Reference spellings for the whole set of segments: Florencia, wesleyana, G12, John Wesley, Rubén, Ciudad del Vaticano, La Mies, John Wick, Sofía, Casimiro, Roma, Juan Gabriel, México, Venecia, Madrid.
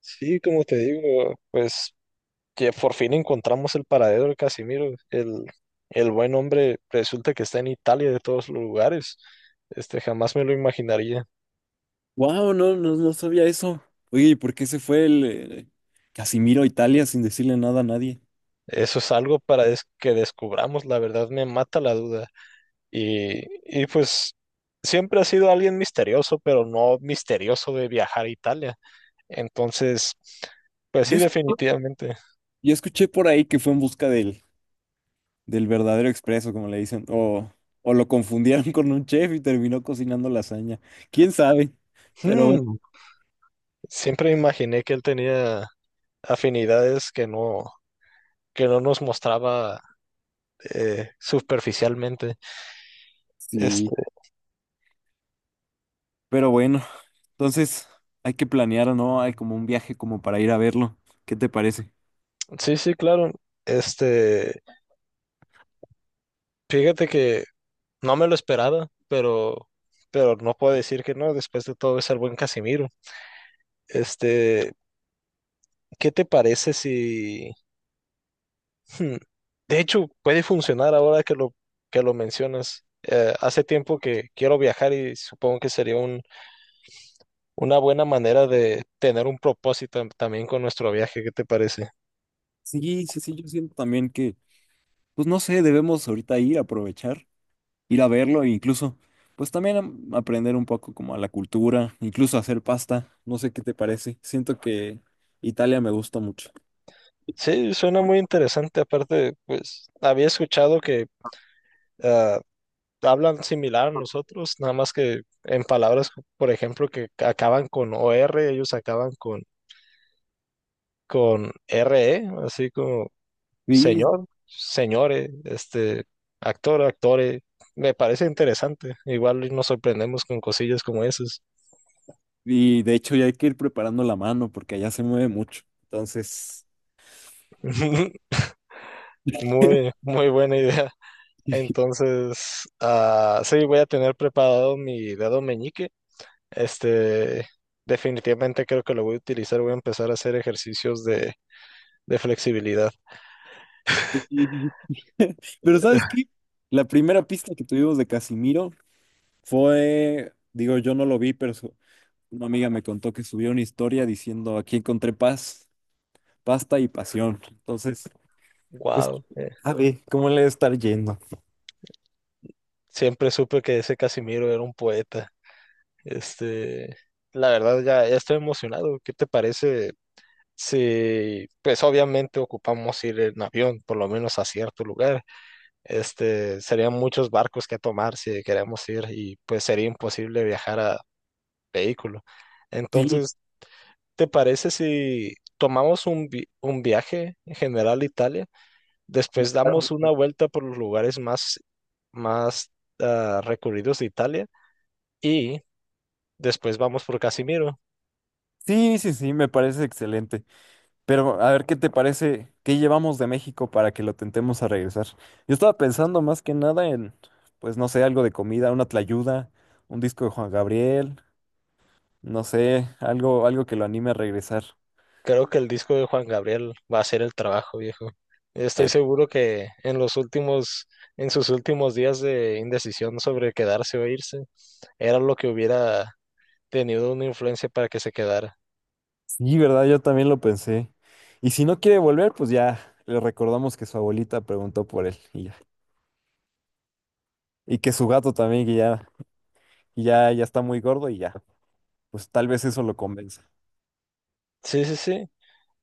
Sí, como te digo, pues que por fin encontramos el paradero de Casimiro. El buen hombre resulta que está en Italia de todos los lugares. Jamás me lo imaginaría. Wow, no, no, no sabía eso. Oye, ¿y por qué se fue el Casimiro a Italia sin decirle nada a nadie? Eso es algo para que descubramos, la verdad me mata la duda. Y, y pues siempre ha sido alguien misterioso, pero no misterioso de viajar a Italia. Entonces, pues Yo, sí, es- definitivamente. yo escuché por ahí que fue en busca del verdadero expreso, como le dicen, o lo confundieron con un chef y terminó cocinando lasaña. ¿Quién sabe? Pero bueno, Hmm, Siempre imaginé que él tenía afinidades que no nos mostraba superficialmente. Este, sí, pero bueno, entonces hay que planear, ¿no? Hay como un viaje como para ir a verlo. ¿Qué te parece? sí, sí, claro. Este, Fíjate que no me lo esperaba, pero, no puedo decir que no, después de todo es el buen Casimiro. Este, ¿Qué te parece si. Hmm, De hecho, puede funcionar ahora que que lo mencionas. Hace tiempo que quiero viajar y supongo que sería una buena manera de tener un propósito también con nuestro viaje. ¿Qué te parece? Sí, sí, sí, yo siento también pues no sé, debemos ahorita ir a aprovechar, ir a verlo e incluso, pues también aprender un poco como a la cultura, incluso hacer pasta. No sé qué te parece. Siento que Italia me gusta mucho. Sí, suena muy interesante. Aparte, pues había escuchado que ah, hablan similar a nosotros, nada más que en palabras, por ejemplo, que acaban con o r, ellos acaban con RE, así como Y, señor, señore, actor, actore. Me parece interesante. Igual y nos sorprendemos con cosillas como esas. y de hecho ya hay que ir preparando la mano porque allá se mueve mucho. Entonces, Muy, muy buena idea. Entonces, sí, voy a tener preparado mi dedo meñique. Este, Definitivamente creo que lo voy a utilizar. Voy a empezar a hacer ejercicios de flexibilidad. pero ¿sabes qué? La primera pista que tuvimos de Casimiro fue, digo, yo no lo vi, una amiga me contó que subió una historia diciendo, aquí encontré paz, pasta y pasión. Entonces, pues, Wow. a ver, ¿cómo le debe estar yendo? Siempre supe que ese Casimiro era un poeta. Este, la verdad ya estoy emocionado. ¿Qué te parece si, pues obviamente ocupamos ir en avión, por lo menos a cierto lugar? Serían muchos barcos que tomar si queremos ir y pues sería imposible viajar a vehículo. Sí. Entonces, ¿te parece si tomamos un viaje en general a Italia? Me Después damos parece- una vuelta por los lugares más recurridos de Italia y después vamos por Casimiro. Sí, sí, sí, me parece excelente. Pero a ver, ¿qué te parece? ¿Qué llevamos de México para que lo tentemos a regresar? Yo estaba pensando más que nada pues no sé, algo de comida, una tlayuda, un disco de Juan Gabriel, no sé, algo, algo que lo anime a regresar. Creo que el disco de Juan Gabriel va a hacer el trabajo, viejo. Estoy Eh, seguro que en sus últimos días de indecisión sobre quedarse o irse, era lo que hubiera tenido una influencia para que se quedara. sí, ¿verdad? Yo también lo pensé. Y si no quiere volver, pues ya le recordamos que su abuelita preguntó por él y ya. Y que su gato también, ya, ya está muy gordo y ya. Pues tal vez eso lo convenza. Sí, sí, sí.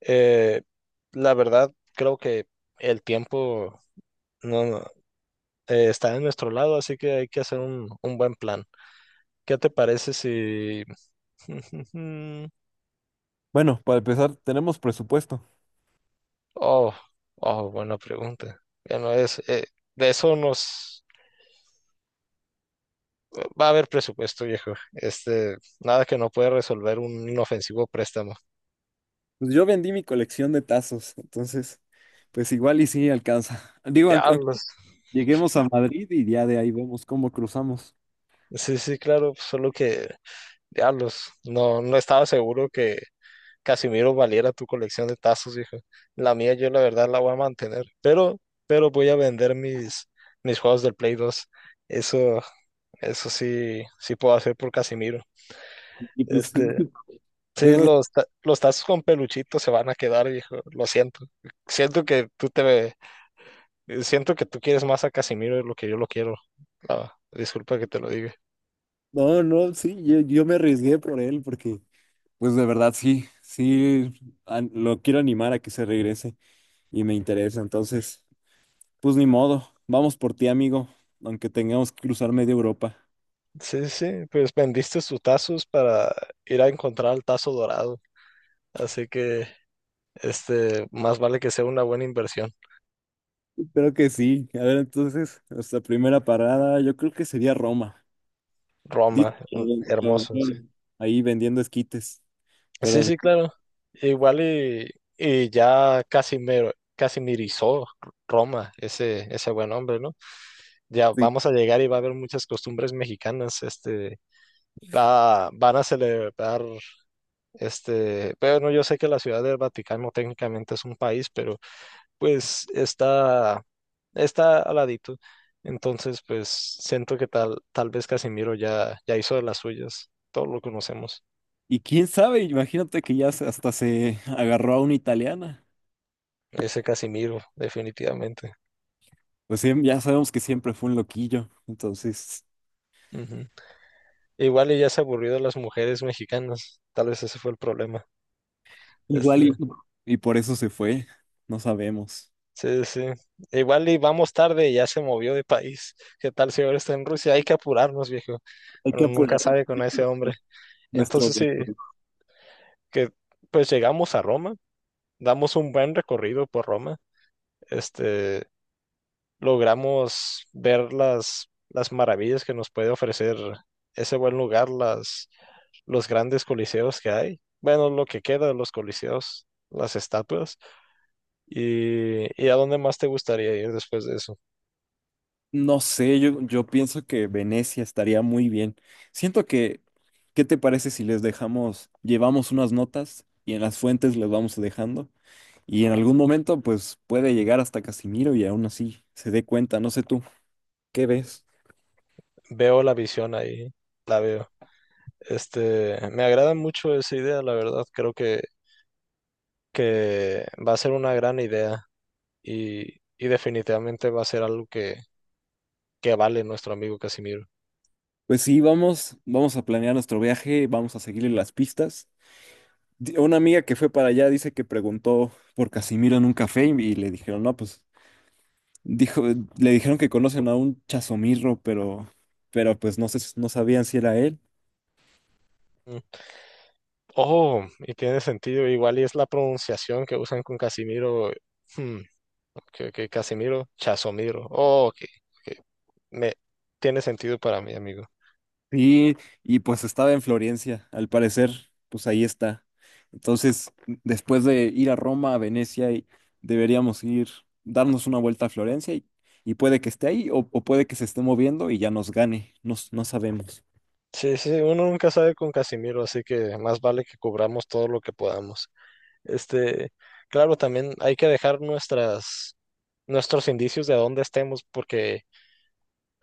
Eh, la verdad, creo que el tiempo. No, no, está en nuestro lado, así que hay que hacer un buen plan. ¿Qué te parece si. Bueno, para empezar, tenemos presupuesto. Oh, oh, buena pregunta. Ya no es. De eso nos. Va a haber presupuesto, viejo. Nada que no pueda resolver un inofensivo préstamo. Pues yo vendí mi colección de tazos, entonces, pues igual y sí alcanza. Digo, aunque Diablos. lleguemos a Madrid y ya de ahí vemos cómo cruzamos. Sí, sí, claro, solo que. Diablos. No, no estaba seguro que Casimiro valiera tu colección de tazos, hijo. La mía yo la verdad la voy a mantener, pero, voy a vender mis juegos del Play 2. Eso, eso sí, sí puedo hacer por Casimiro. Y pues, Este, es sí, más- los tazos con peluchito se van a quedar, hijo. Lo siento. Siento que tú te, ve- siento que tú quieres más a Casimiro de lo que yo lo quiero. Disculpa que te lo diga. no, no, sí, yo me arriesgué por él porque, pues de verdad sí, sí, lo quiero animar a que se regrese y me interesa. Entonces, pues ni modo, vamos por ti, amigo, aunque tengamos que cruzar media Europa. Sí, sí, pues vendiste tus tazos para ir a encontrar el tazo dorado. Así que más vale que sea una buena inversión. Creo que sí. A ver, entonces, nuestra primera parada, yo creo que sería Roma. Dice Roma, que trabajó hermoso, sí. ahí vendiendo esquites. Sí, Pero sí, claro. Igual y ya Casimiro, casimirizó Roma, ese buen hombre, ¿no? Ya sí. vamos a llegar y va a haber muchas costumbres mexicanas, van a celebrar, bueno, yo sé que la Ciudad del Vaticano técnicamente es un país, pero pues está al ladito. Entonces, pues siento que tal vez Casimiro ya hizo de las suyas. Todos lo conocemos. Y quién sabe, imagínate que hasta se agarró a una italiana. Ese Casimiro, definitivamente. Pues sí, ya sabemos que siempre fue un loquillo. Entonces, Ujú. Igual y ya se aburrió de las mujeres mexicanas. Tal vez ese fue el problema. igual y, Este, y por eso se fue. No sabemos. sí, sí. Igual y vamos tarde, ya se movió de país. ¿Qué tal si ahora está en Rusia? Hay que apurarnos, viejo. Hay que Uno nunca apurar sabe con ese hombre. nuestro Entonces, sí, viaje. que pues llegamos a Roma, damos un buen recorrido por Roma. Este, Logramos ver las maravillas que nos puede ofrecer ese buen lugar, los grandes coliseos que hay. Bueno, lo que queda de los coliseos, las estatuas. ¿Y a dónde más te gustaría ir después de eso? No sé, yo pienso que Venecia estaría muy bien. Siento que, ¿qué te parece si les dejamos, llevamos unas notas y en las fuentes les vamos dejando? Y en algún momento, pues puede llegar hasta Casimiro y aún así se dé cuenta, no sé tú, ¿qué ves? Veo la visión ahí, la veo. Me agrada mucho esa idea, la verdad. Creo que va a ser una gran idea y definitivamente va a ser algo que vale nuestro amigo Casimiro. Pues sí, vamos, vamos a planear nuestro viaje, vamos a seguirle las pistas. Di- Una amiga que fue para allá dice que preguntó por Casimiro en un café y le dijeron, no, pues, dijo, le dijeron que conocen a un Chasomirro, pero pues no sé, no sabían si era él. Oh, y tiene sentido, igual y es la pronunciación que usan con Casimiro. hmm, ok, ok, Casimiro, Chasomiro. Oh, ok, ok, Me, tiene sentido para mí, amigo. Sí, y pues estaba en Florencia, al parecer, pues ahí está. Entonces, después de ir a Roma, a Venecia, y deberíamos ir, darnos una vuelta a Florencia y puede que esté ahí o puede que se esté moviendo y ya nos gane, no, s- no sabemos. Sí, sí, uno nunca sabe con Casimiro, así que más vale que cubramos todo lo que podamos. Este, claro, también hay que dejar nuestros indicios de dónde estemos, porque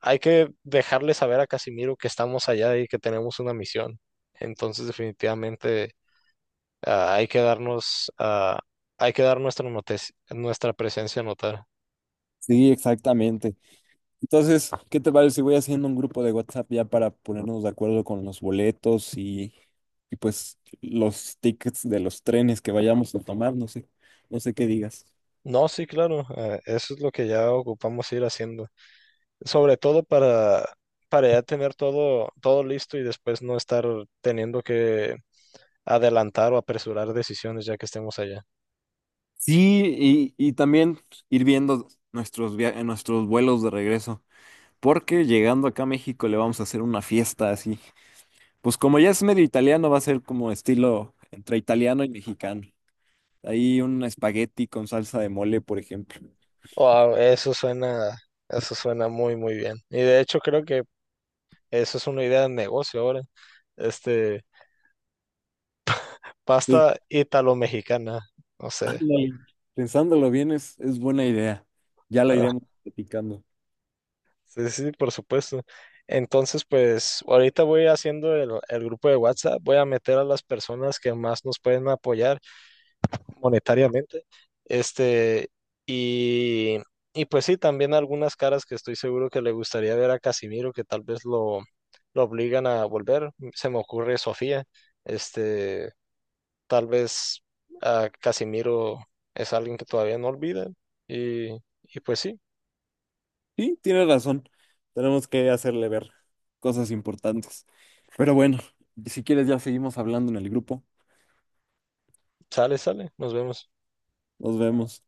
hay que dejarle saber a Casimiro que estamos allá y que tenemos una misión. Entonces, definitivamente, ah, hay que darnos, ah, hay que dar nuestra presencia a notar. Sí, exactamente. Entonces, ¿qué te parece si voy haciendo un grupo de WhatsApp ya para ponernos de acuerdo con los boletos y pues los tickets de los trenes que vayamos a tomar? No sé, no sé qué digas. No, sí, claro, eso es lo que ya ocupamos ir haciendo. Sobre todo para ya tener todo listo y después no estar teniendo que adelantar o apresurar decisiones ya que estemos allá. Sí, y también ir viendo nuestros vuelos de regreso, porque llegando acá a México le vamos a hacer una fiesta así. Pues como ya es medio italiano, va a ser como estilo entre italiano y mexicano. Ahí un espagueti con salsa de mole, por ejemplo. Wow, eso suena muy, muy bien. Y de hecho creo que eso es una idea de negocio ahora. Este, Sí, Pasta italo-mexicana, no sé. ándale. Pensándolo bien, es buena idea. Ya la Ah, iremos platicando. sí, sí, por supuesto. Entonces, pues ahorita voy haciendo el grupo de WhatsApp, voy a meter a las personas que más nos pueden apoyar monetariamente. Este, y, y pues sí, también algunas caras que estoy seguro que le gustaría ver a Casimiro, que tal vez lo obligan a volver. Se me ocurre Sofía. Este, Tal vez a Casimiro es alguien que todavía no olvida. Y, y pues sí, Sí, tiene razón. Tenemos que hacerle ver cosas importantes. Pero bueno, si quieres ya seguimos hablando en el grupo. sale, sale. Nos vemos. Nos vemos.